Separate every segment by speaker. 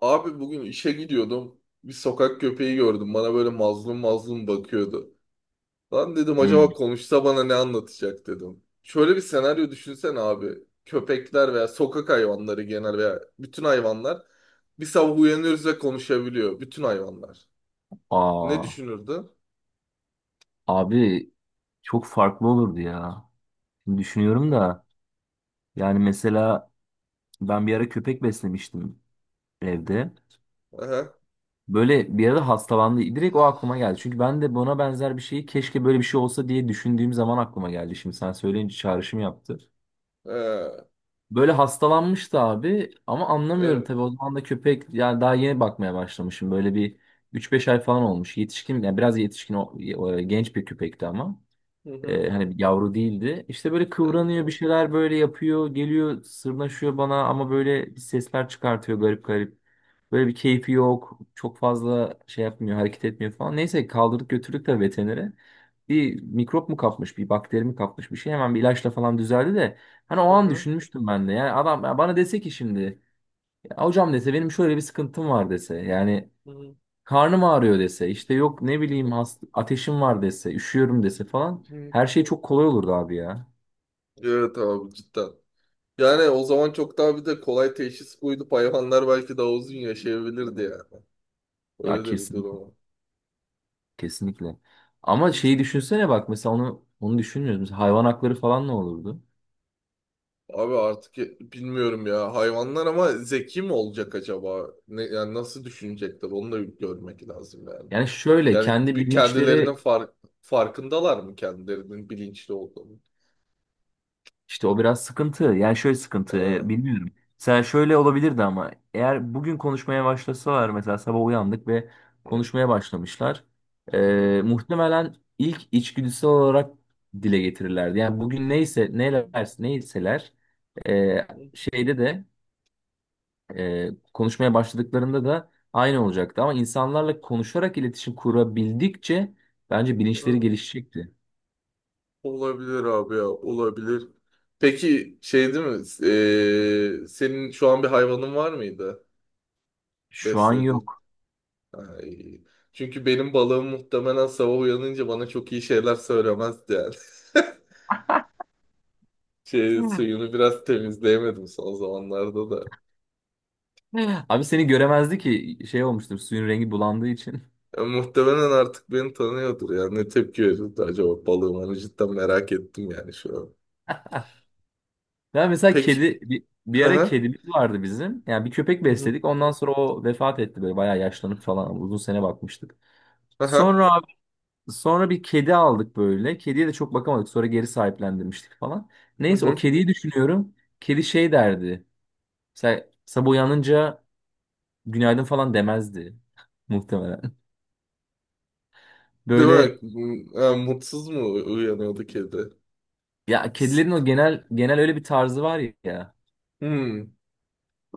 Speaker 1: Abi bugün işe gidiyordum. Bir sokak köpeği gördüm. Bana böyle mazlum mazlum bakıyordu. Lan dedim
Speaker 2: Hmm.
Speaker 1: acaba konuşsa bana ne anlatacak dedim. Şöyle bir senaryo düşünsen abi. Köpekler veya sokak hayvanları genel veya bütün hayvanlar bir sabah uyanıyoruz ve konuşabiliyor. Bütün hayvanlar. Ne
Speaker 2: Aa,
Speaker 1: düşünürdü?
Speaker 2: Abi çok farklı olurdu ya. Şimdi düşünüyorum da yani mesela ben bir ara köpek beslemiştim evde.
Speaker 1: Aha,
Speaker 2: Böyle bir ara hastalandı. Direkt o aklıma geldi. Çünkü ben de buna benzer bir şeyi keşke böyle bir şey olsa diye düşündüğüm zaman aklıma geldi. Şimdi sen söyleyince çağrışım yaptı.
Speaker 1: ee,
Speaker 2: Böyle hastalanmıştı abi ama anlamıyorum
Speaker 1: evet.
Speaker 2: tabii o zaman da köpek yani daha yeni bakmaya başlamışım. Böyle bir üç beş ay falan olmuş. Yetişkin yani biraz yetişkin genç bir köpekti ama.
Speaker 1: Hı hı.
Speaker 2: Hani yavru değildi. İşte böyle
Speaker 1: Evet
Speaker 2: kıvranıyor bir
Speaker 1: abi.
Speaker 2: şeyler böyle yapıyor. Geliyor sırnaşıyor bana ama böyle bir sesler çıkartıyor garip garip. Böyle bir keyfi yok. Çok fazla şey yapmıyor hareket etmiyor falan. Neyse kaldırdık götürdük de veterinere. Bir mikrop mu kapmış bir bakteri mi kapmış bir şey hemen bir ilaçla falan düzeldi de. Hani o
Speaker 1: Hı
Speaker 2: an
Speaker 1: hı.
Speaker 2: düşünmüştüm ben de. Yani adam ya bana dese ki şimdi "Ya hocam dese benim şöyle bir sıkıntım var dese. Yani
Speaker 1: Hı hı.
Speaker 2: karnım ağrıyor dese, işte yok ne bileyim
Speaker 1: Hı
Speaker 2: hast ateşim var dese, üşüyorum dese falan
Speaker 1: hı.
Speaker 2: her şey çok kolay olurdu abi ya.
Speaker 1: Evet abi cidden. Yani o zaman çok daha bir de kolay teşhis koyulup hayvanlar belki daha uzun yaşayabilirdi yani.
Speaker 2: Ya
Speaker 1: Öyle de bir
Speaker 2: kesin
Speaker 1: durum var.
Speaker 2: kesinlikle. Ama şeyi düşünsene bak mesela onu düşünmüyoruz. Mesela hayvan hakları falan ne olurdu?
Speaker 1: Abi artık bilmiyorum ya. Hayvanlar ama zeki mi olacak acaba? Ne, yani nasıl düşünecekler? Onu da bir görmek lazım yani.
Speaker 2: Yani şöyle
Speaker 1: Yani
Speaker 2: kendi
Speaker 1: bir kendilerinin
Speaker 2: bilinçleri
Speaker 1: farkındalar mı kendilerinin bilinçli olduğunu?
Speaker 2: İşte o biraz sıkıntı. Yani şöyle sıkıntı,
Speaker 1: Ha.
Speaker 2: bilmiyorum. Mesela şöyle olabilirdi ama eğer bugün konuşmaya başlasalar mesela sabah uyandık ve
Speaker 1: Hı,
Speaker 2: konuşmaya başlamışlar.
Speaker 1: hı, hı,
Speaker 2: Muhtemelen ilk içgüdüsel olarak dile getirirlerdi. Yani bugün neyse neler neyseler e,
Speaker 1: hı,
Speaker 2: şeyde de e, konuşmaya başladıklarında da aynı olacaktı. Ama insanlarla konuşarak iletişim kurabildikçe bence bilinçleri
Speaker 1: hı.
Speaker 2: gelişecekti.
Speaker 1: Olabilir abi ya, olabilir. Peki şey değil mi? Senin şu an bir hayvanın var mıydı?
Speaker 2: Şu an
Speaker 1: Besledin.
Speaker 2: yok.
Speaker 1: Ay. Çünkü benim balığım muhtemelen sabah uyanınca bana çok iyi şeyler söylemezdi yani. Şey, suyunu biraz temizleyemedim son zamanlarda da.
Speaker 2: Abi seni göremezdi ki şey olmuştur suyun rengi bulandığı için.
Speaker 1: Ya muhtemelen artık beni tanıyordur yani. Ne tepki verirdi acaba balığım? Onu cidden merak ettim yani şu an.
Speaker 2: Ya mesela
Speaker 1: Peki.
Speaker 2: kedi bir
Speaker 1: Hı
Speaker 2: ara
Speaker 1: hı.
Speaker 2: kedimiz vardı bizim. Yani bir köpek
Speaker 1: Hı hı.
Speaker 2: besledik. Ondan sonra o vefat etti böyle bayağı yaşlanıp falan uzun sene bakmıştık.
Speaker 1: Aha.
Speaker 2: Sonra abi- Sonra bir kedi aldık böyle. Kediye de çok bakamadık. Sonra geri sahiplendirmiştik falan.
Speaker 1: Hı
Speaker 2: Neyse o
Speaker 1: hı.
Speaker 2: kediyi düşünüyorum. Kedi şey derdi. Mesela sabah uyanınca günaydın falan demezdi muhtemelen. Böyle
Speaker 1: Demek ha, mutsuz mu uyanıyordu kedi?
Speaker 2: ya
Speaker 1: Tıs.
Speaker 2: kedilerin o genel öyle bir tarzı var ya.
Speaker 1: Hmm.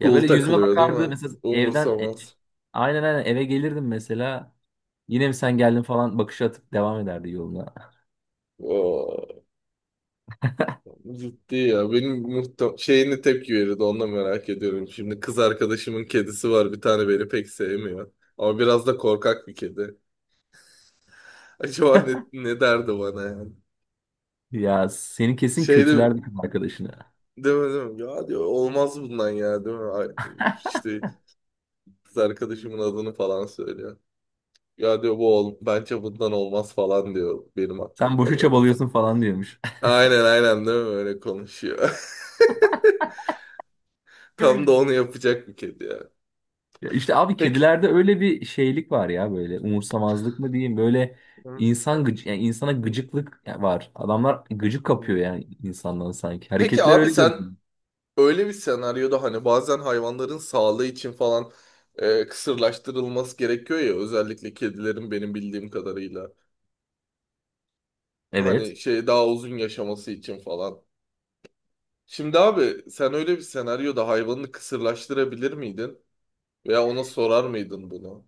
Speaker 2: Ya
Speaker 1: Cool
Speaker 2: böyle yüzüme
Speaker 1: takılıyor değil
Speaker 2: bakardı
Speaker 1: mi?
Speaker 2: mesela evden
Speaker 1: Umursamaz.
Speaker 2: aynen aynen eve gelirdim mesela yine mi sen geldin falan bakış atıp devam ederdi yoluna.
Speaker 1: Oo. Ciddi ya. Benim şeyini tepki verirdi. Ondan merak ediyorum. Şimdi kız arkadaşımın kedisi var. Bir tane beni pek sevmiyor. Ama biraz da korkak bir kedi. Acaba ne derdi bana yani?
Speaker 2: Ya seni kesin
Speaker 1: Şey de,
Speaker 2: kötülerdi kız arkadaşını.
Speaker 1: deme deme. Ya diyor olmaz bundan ya değil mi? Ay, İşte kız arkadaşımın adını falan söylüyor. Ya diyor bu bence bundan olmaz falan diyor benim
Speaker 2: Sen boşu
Speaker 1: hakkımda böyle.
Speaker 2: çabalıyorsun falan diyormuş.
Speaker 1: Aynen aynen değil mi? Öyle konuşuyor. Tam da onu yapacak bir kedi ya.
Speaker 2: Ya işte abi
Speaker 1: Peki.
Speaker 2: kedilerde öyle bir şeylik var ya böyle umursamazlık mı diyeyim böyle
Speaker 1: Hı,
Speaker 2: insan gıcı yani insana
Speaker 1: hı,
Speaker 2: gıcıklık var. Adamlar gıcık kapıyor
Speaker 1: hı.
Speaker 2: yani insandan sanki.
Speaker 1: Peki
Speaker 2: Hareketler
Speaker 1: abi
Speaker 2: öyle
Speaker 1: sen
Speaker 2: görünüyor.
Speaker 1: öyle bir senaryoda hani bazen hayvanların sağlığı için falan kısırlaştırılması gerekiyor ya özellikle kedilerin benim bildiğim kadarıyla.
Speaker 2: Evet.
Speaker 1: Hani şey daha uzun yaşaması için falan. Şimdi abi sen öyle bir senaryoda hayvanını kısırlaştırabilir miydin? Veya ona sorar mıydın bunu?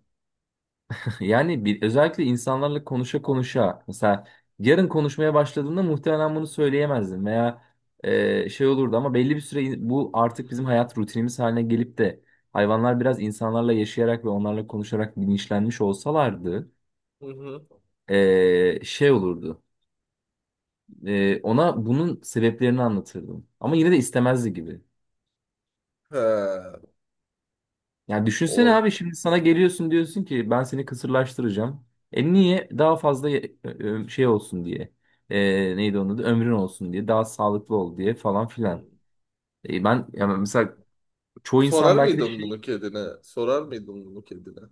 Speaker 2: Yani bir, özellikle insanlarla konuşa konuşa mesela yarın konuşmaya başladığında muhtemelen bunu söyleyemezdim veya şey olurdu ama belli bir süre bu artık bizim hayat rutinimiz haline gelip de hayvanlar biraz insanlarla yaşayarak ve onlarla konuşarak bilinçlenmiş olsalardı
Speaker 1: Hı hı.
Speaker 2: şey olurdu. Ona bunun sebeplerini anlatırdım. Ama yine de istemezdi gibi.
Speaker 1: He,
Speaker 2: Ya düşünsene abi
Speaker 1: olur.
Speaker 2: şimdi sana geliyorsun diyorsun ki ben seni kısırlaştıracağım. E niye? Daha fazla şey olsun diye. E, neydi onun adı? Ömrün olsun diye. Daha sağlıklı ol diye falan filan.
Speaker 1: Hı.
Speaker 2: E ben yani mesela çoğu
Speaker 1: Sorar
Speaker 2: insan belki de
Speaker 1: mıydın
Speaker 2: şey
Speaker 1: bunu kedine? Sorar mıydın bunu kedine?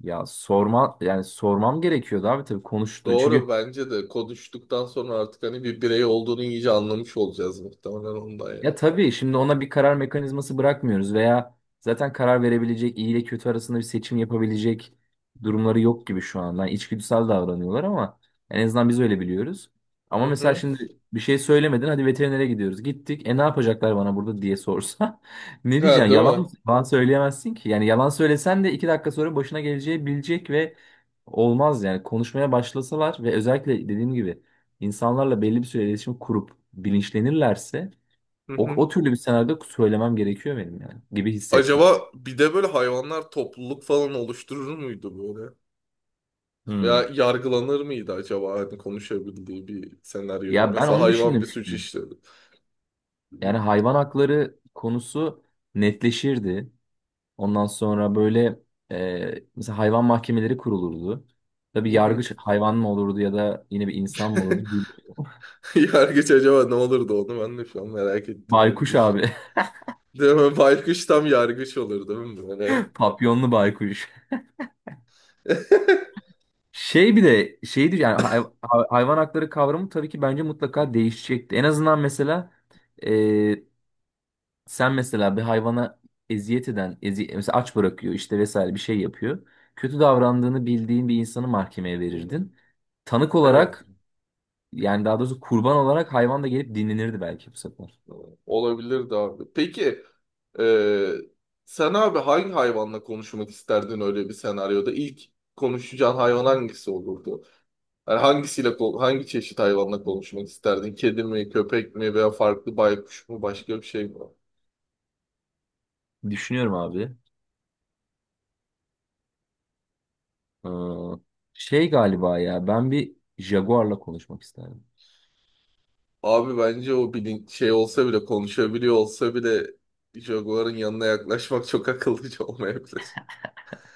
Speaker 2: ya sorma yani sormam gerekiyordu abi tabii konuştu.
Speaker 1: Doğru
Speaker 2: Çünkü
Speaker 1: bence de konuştuktan sonra artık hani bir birey olduğunu iyice anlamış olacağız muhtemelen ondan ya.
Speaker 2: ya tabii şimdi ona bir karar mekanizması bırakmıyoruz veya zaten karar verebilecek iyi ile kötü arasında bir seçim yapabilecek durumları yok gibi şu an. Yani içgüdüsel davranıyorlar ama en azından biz öyle biliyoruz. Ama
Speaker 1: Hı
Speaker 2: mesela
Speaker 1: hı.
Speaker 2: şimdi bir şey söylemedin hadi veterinere gidiyoruz. Gittik e ne yapacaklar bana burada diye sorsa ne
Speaker 1: He
Speaker 2: diyeceğim?
Speaker 1: değil
Speaker 2: Yalan,
Speaker 1: mi?
Speaker 2: yalan söyleyemezsin ki. Yani yalan söylesen de iki dakika sonra başına geleceği bilecek ve olmaz yani. Konuşmaya başlasalar ve özellikle dediğim gibi insanlarla belli bir süre iletişim kurup bilinçlenirlerse
Speaker 1: Hı
Speaker 2: o,
Speaker 1: hı.
Speaker 2: o türlü bir senaryoda söylemem gerekiyor benim yani gibi hissettim.
Speaker 1: Acaba bir de böyle hayvanlar topluluk falan oluşturur muydu böyle?
Speaker 2: Hmm.
Speaker 1: Ya yargılanır mıydı acaba hani konuşabildiği bir senaryoda?
Speaker 2: Ya ben
Speaker 1: Mesela
Speaker 2: onu
Speaker 1: hayvan
Speaker 2: düşündüm
Speaker 1: bir
Speaker 2: işte.
Speaker 1: suç işledi.
Speaker 2: Yani
Speaker 1: Hı
Speaker 2: hayvan hakları konusu netleşirdi. Ondan sonra böyle mesela hayvan mahkemeleri kurulurdu. Tabii
Speaker 1: hı.
Speaker 2: yargıç hayvan mı olurdu ya da yine bir insan mı olurdu? Bir
Speaker 1: Yargıç acaba ne olurdu onu ben de şu an merak ettim öyle bir
Speaker 2: baykuş
Speaker 1: düşün.
Speaker 2: abi.
Speaker 1: Değil mi? Baykuş tam yargıç olur değil mi böyle?
Speaker 2: Papyonlu baykuş. Şey bir de şeydir yani hayvan hakları kavramı tabii ki bence mutlaka değişecekti. En azından mesela e, sen mesela bir hayvana eziyet eden, ezi mesela aç bırakıyor işte vesaire bir şey yapıyor. Kötü davrandığını bildiğin bir insanı mahkemeye verirdin. Tanık
Speaker 1: Evet.
Speaker 2: olarak yani daha doğrusu kurban olarak hayvan da gelip dinlenirdi belki bu sefer.
Speaker 1: Olabilirdi abi. Peki e, sen abi hangi hayvanla konuşmak isterdin öyle bir senaryoda? İlk konuşacağın hayvan hangisi olurdu? Yani hangisiyle hangi çeşit hayvanla konuşmak isterdin? Kedi mi, köpek mi veya farklı baykuş mu, başka bir şey mi?
Speaker 2: Düşünüyorum abi. Ee, Şey galiba ya ben bir jaguarla konuşmak isterdim.
Speaker 1: Abi bence o şey olsa bile konuşabiliyor olsa bile Jaguar'ın yanına yaklaşmak çok akıllıca olmayabilir.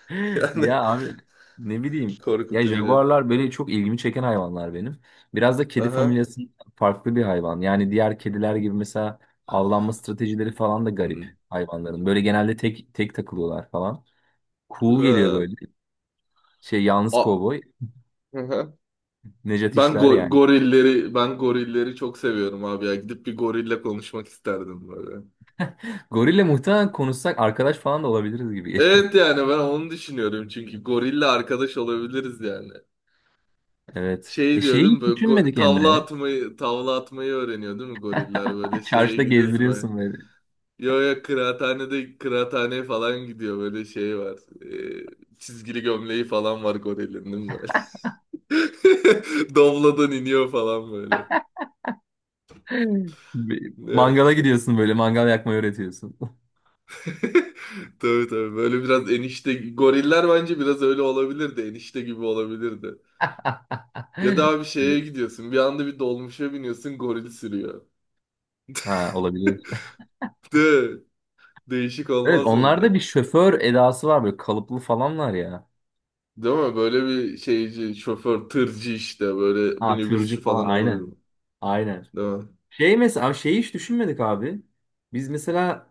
Speaker 1: Yani
Speaker 2: Ya abi ne bileyim. Ya
Speaker 1: korkutucu.
Speaker 2: jaguarlar böyle çok ilgimi çeken hayvanlar benim. Biraz da kedi
Speaker 1: Aha.
Speaker 2: familyası farklı bir hayvan. Yani diğer kediler gibi mesela avlanma stratejileri falan da garip
Speaker 1: Hı.
Speaker 2: hayvanların. Böyle genelde tek tek takılıyorlar falan.
Speaker 1: Hı.
Speaker 2: Cool geliyor böyle. Şey yalnız
Speaker 1: A-
Speaker 2: kovboy.
Speaker 1: Hı hı.
Speaker 2: Nejat
Speaker 1: Ben
Speaker 2: İşler
Speaker 1: go-
Speaker 2: yani.
Speaker 1: gorilleri ben gorilleri çok seviyorum abi ya. Gidip bir gorille konuşmak isterdim böyle.
Speaker 2: Gorille muhtemelen konuşsak arkadaş falan da olabiliriz gibi geliyor.
Speaker 1: Evet yani ben onu düşünüyorum çünkü gorille arkadaş olabiliriz yani.
Speaker 2: Evet. E
Speaker 1: Şey diyor
Speaker 2: şeyi
Speaker 1: değil mi
Speaker 2: hiç
Speaker 1: böyle
Speaker 2: düşünmedik
Speaker 1: tavla
Speaker 2: Emre.
Speaker 1: atmayı tavla atmayı öğreniyor değil mi goriller böyle şeye
Speaker 2: Çarşıda
Speaker 1: gidiyorsun böyle.
Speaker 2: gezdiriyorsun böyle.
Speaker 1: Yo ya kıraathaneye falan gidiyor böyle şey var. Çizgili gömleği falan var gorilin değil mi böyle. Dobladan iniyor falan böyle.
Speaker 2: Mangala gidiyorsun böyle mangal yakmayı öğretiyorsun.
Speaker 1: Tabii tabii. Böyle biraz enişte goriller bence biraz öyle olabilirdi. Enişte gibi olabilirdi. Ya da bir şeye gidiyorsun. Bir anda bir dolmuşa biniyorsun goril sürüyor.
Speaker 2: Ha olabilir.
Speaker 1: De, değişik
Speaker 2: Evet
Speaker 1: olmaz
Speaker 2: onlarda
Speaker 1: mıydı?
Speaker 2: bir şoför edası var böyle kalıplı falanlar ya.
Speaker 1: Değil mi? Böyle bir şeyci, şoför, tırcı işte böyle
Speaker 2: Ha
Speaker 1: minibüsçü
Speaker 2: tırcı falan
Speaker 1: falan olur
Speaker 2: aynen.
Speaker 1: mu?
Speaker 2: Aynen.
Speaker 1: Değil mi?
Speaker 2: Şey mesela şeyi hiç düşünmedik abi. Biz mesela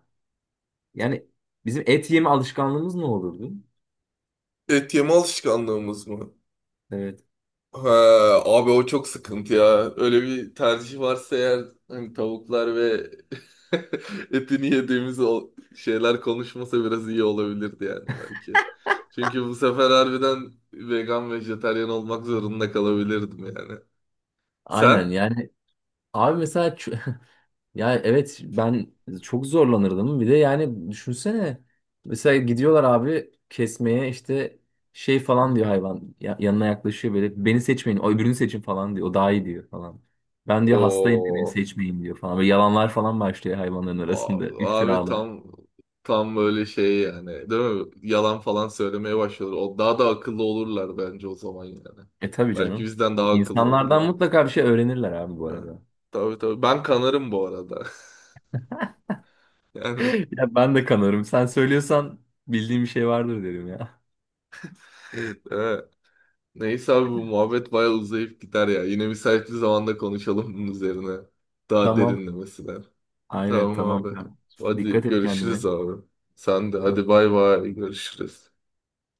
Speaker 2: yani bizim et yeme alışkanlığımız ne olurdu?
Speaker 1: Et yeme alışkanlığımız mı?
Speaker 2: Evet.
Speaker 1: Ha, abi o çok sıkıntı ya. Öyle bir tercih varsa eğer hani tavuklar ve etini yediğimiz o şeyler konuşmasa biraz iyi olabilirdi yani belki. Çünkü bu sefer harbiden vegan, vejetaryen olmak zorunda kalabilirdim yani. Sen?
Speaker 2: Aynen yani Abi mesela ç- ya evet ben çok zorlanırdım. Bir de yani düşünsene mesela gidiyorlar abi kesmeye işte şey
Speaker 1: Hı
Speaker 2: falan diyor
Speaker 1: hı.
Speaker 2: hayvan yanına yaklaşıyor böyle beni seçmeyin o öbürünü seçin falan diyor. O daha iyi diyor falan. Ben diyor hastayım diyor, beni
Speaker 1: O
Speaker 2: seçmeyin diyor falan. Böyle yalanlar falan başlıyor hayvanların arasında
Speaker 1: abi
Speaker 2: iftiralar.
Speaker 1: tam tam böyle şey yani değil mi? Yalan falan söylemeye başlıyorlar. O daha da akıllı olurlar bence o zaman yani.
Speaker 2: E tabii
Speaker 1: Belki
Speaker 2: canım.
Speaker 1: bizden daha
Speaker 2: Bak,
Speaker 1: akıllı
Speaker 2: İnsanlardan
Speaker 1: olurlar.
Speaker 2: mutlaka bir şey öğrenirler abi bu
Speaker 1: Ha,
Speaker 2: arada.
Speaker 1: tabii tabii. Ben kanarım bu arada. Yani
Speaker 2: Ya ben de kanarım. Sen söylüyorsan bildiğim bir şey vardır derim ya.
Speaker 1: evet. Neyse abi bu muhabbet bayağı uzayıp gider ya. Yine müsait bir zamanda konuşalım bunun üzerine. Daha
Speaker 2: Tamam.
Speaker 1: derinlemesine.
Speaker 2: Aynen
Speaker 1: Tamam
Speaker 2: tamam.
Speaker 1: abi. Hadi
Speaker 2: Dikkat et kendine.
Speaker 1: görüşürüz abi. Sen de hadi bay bay görüşürüz.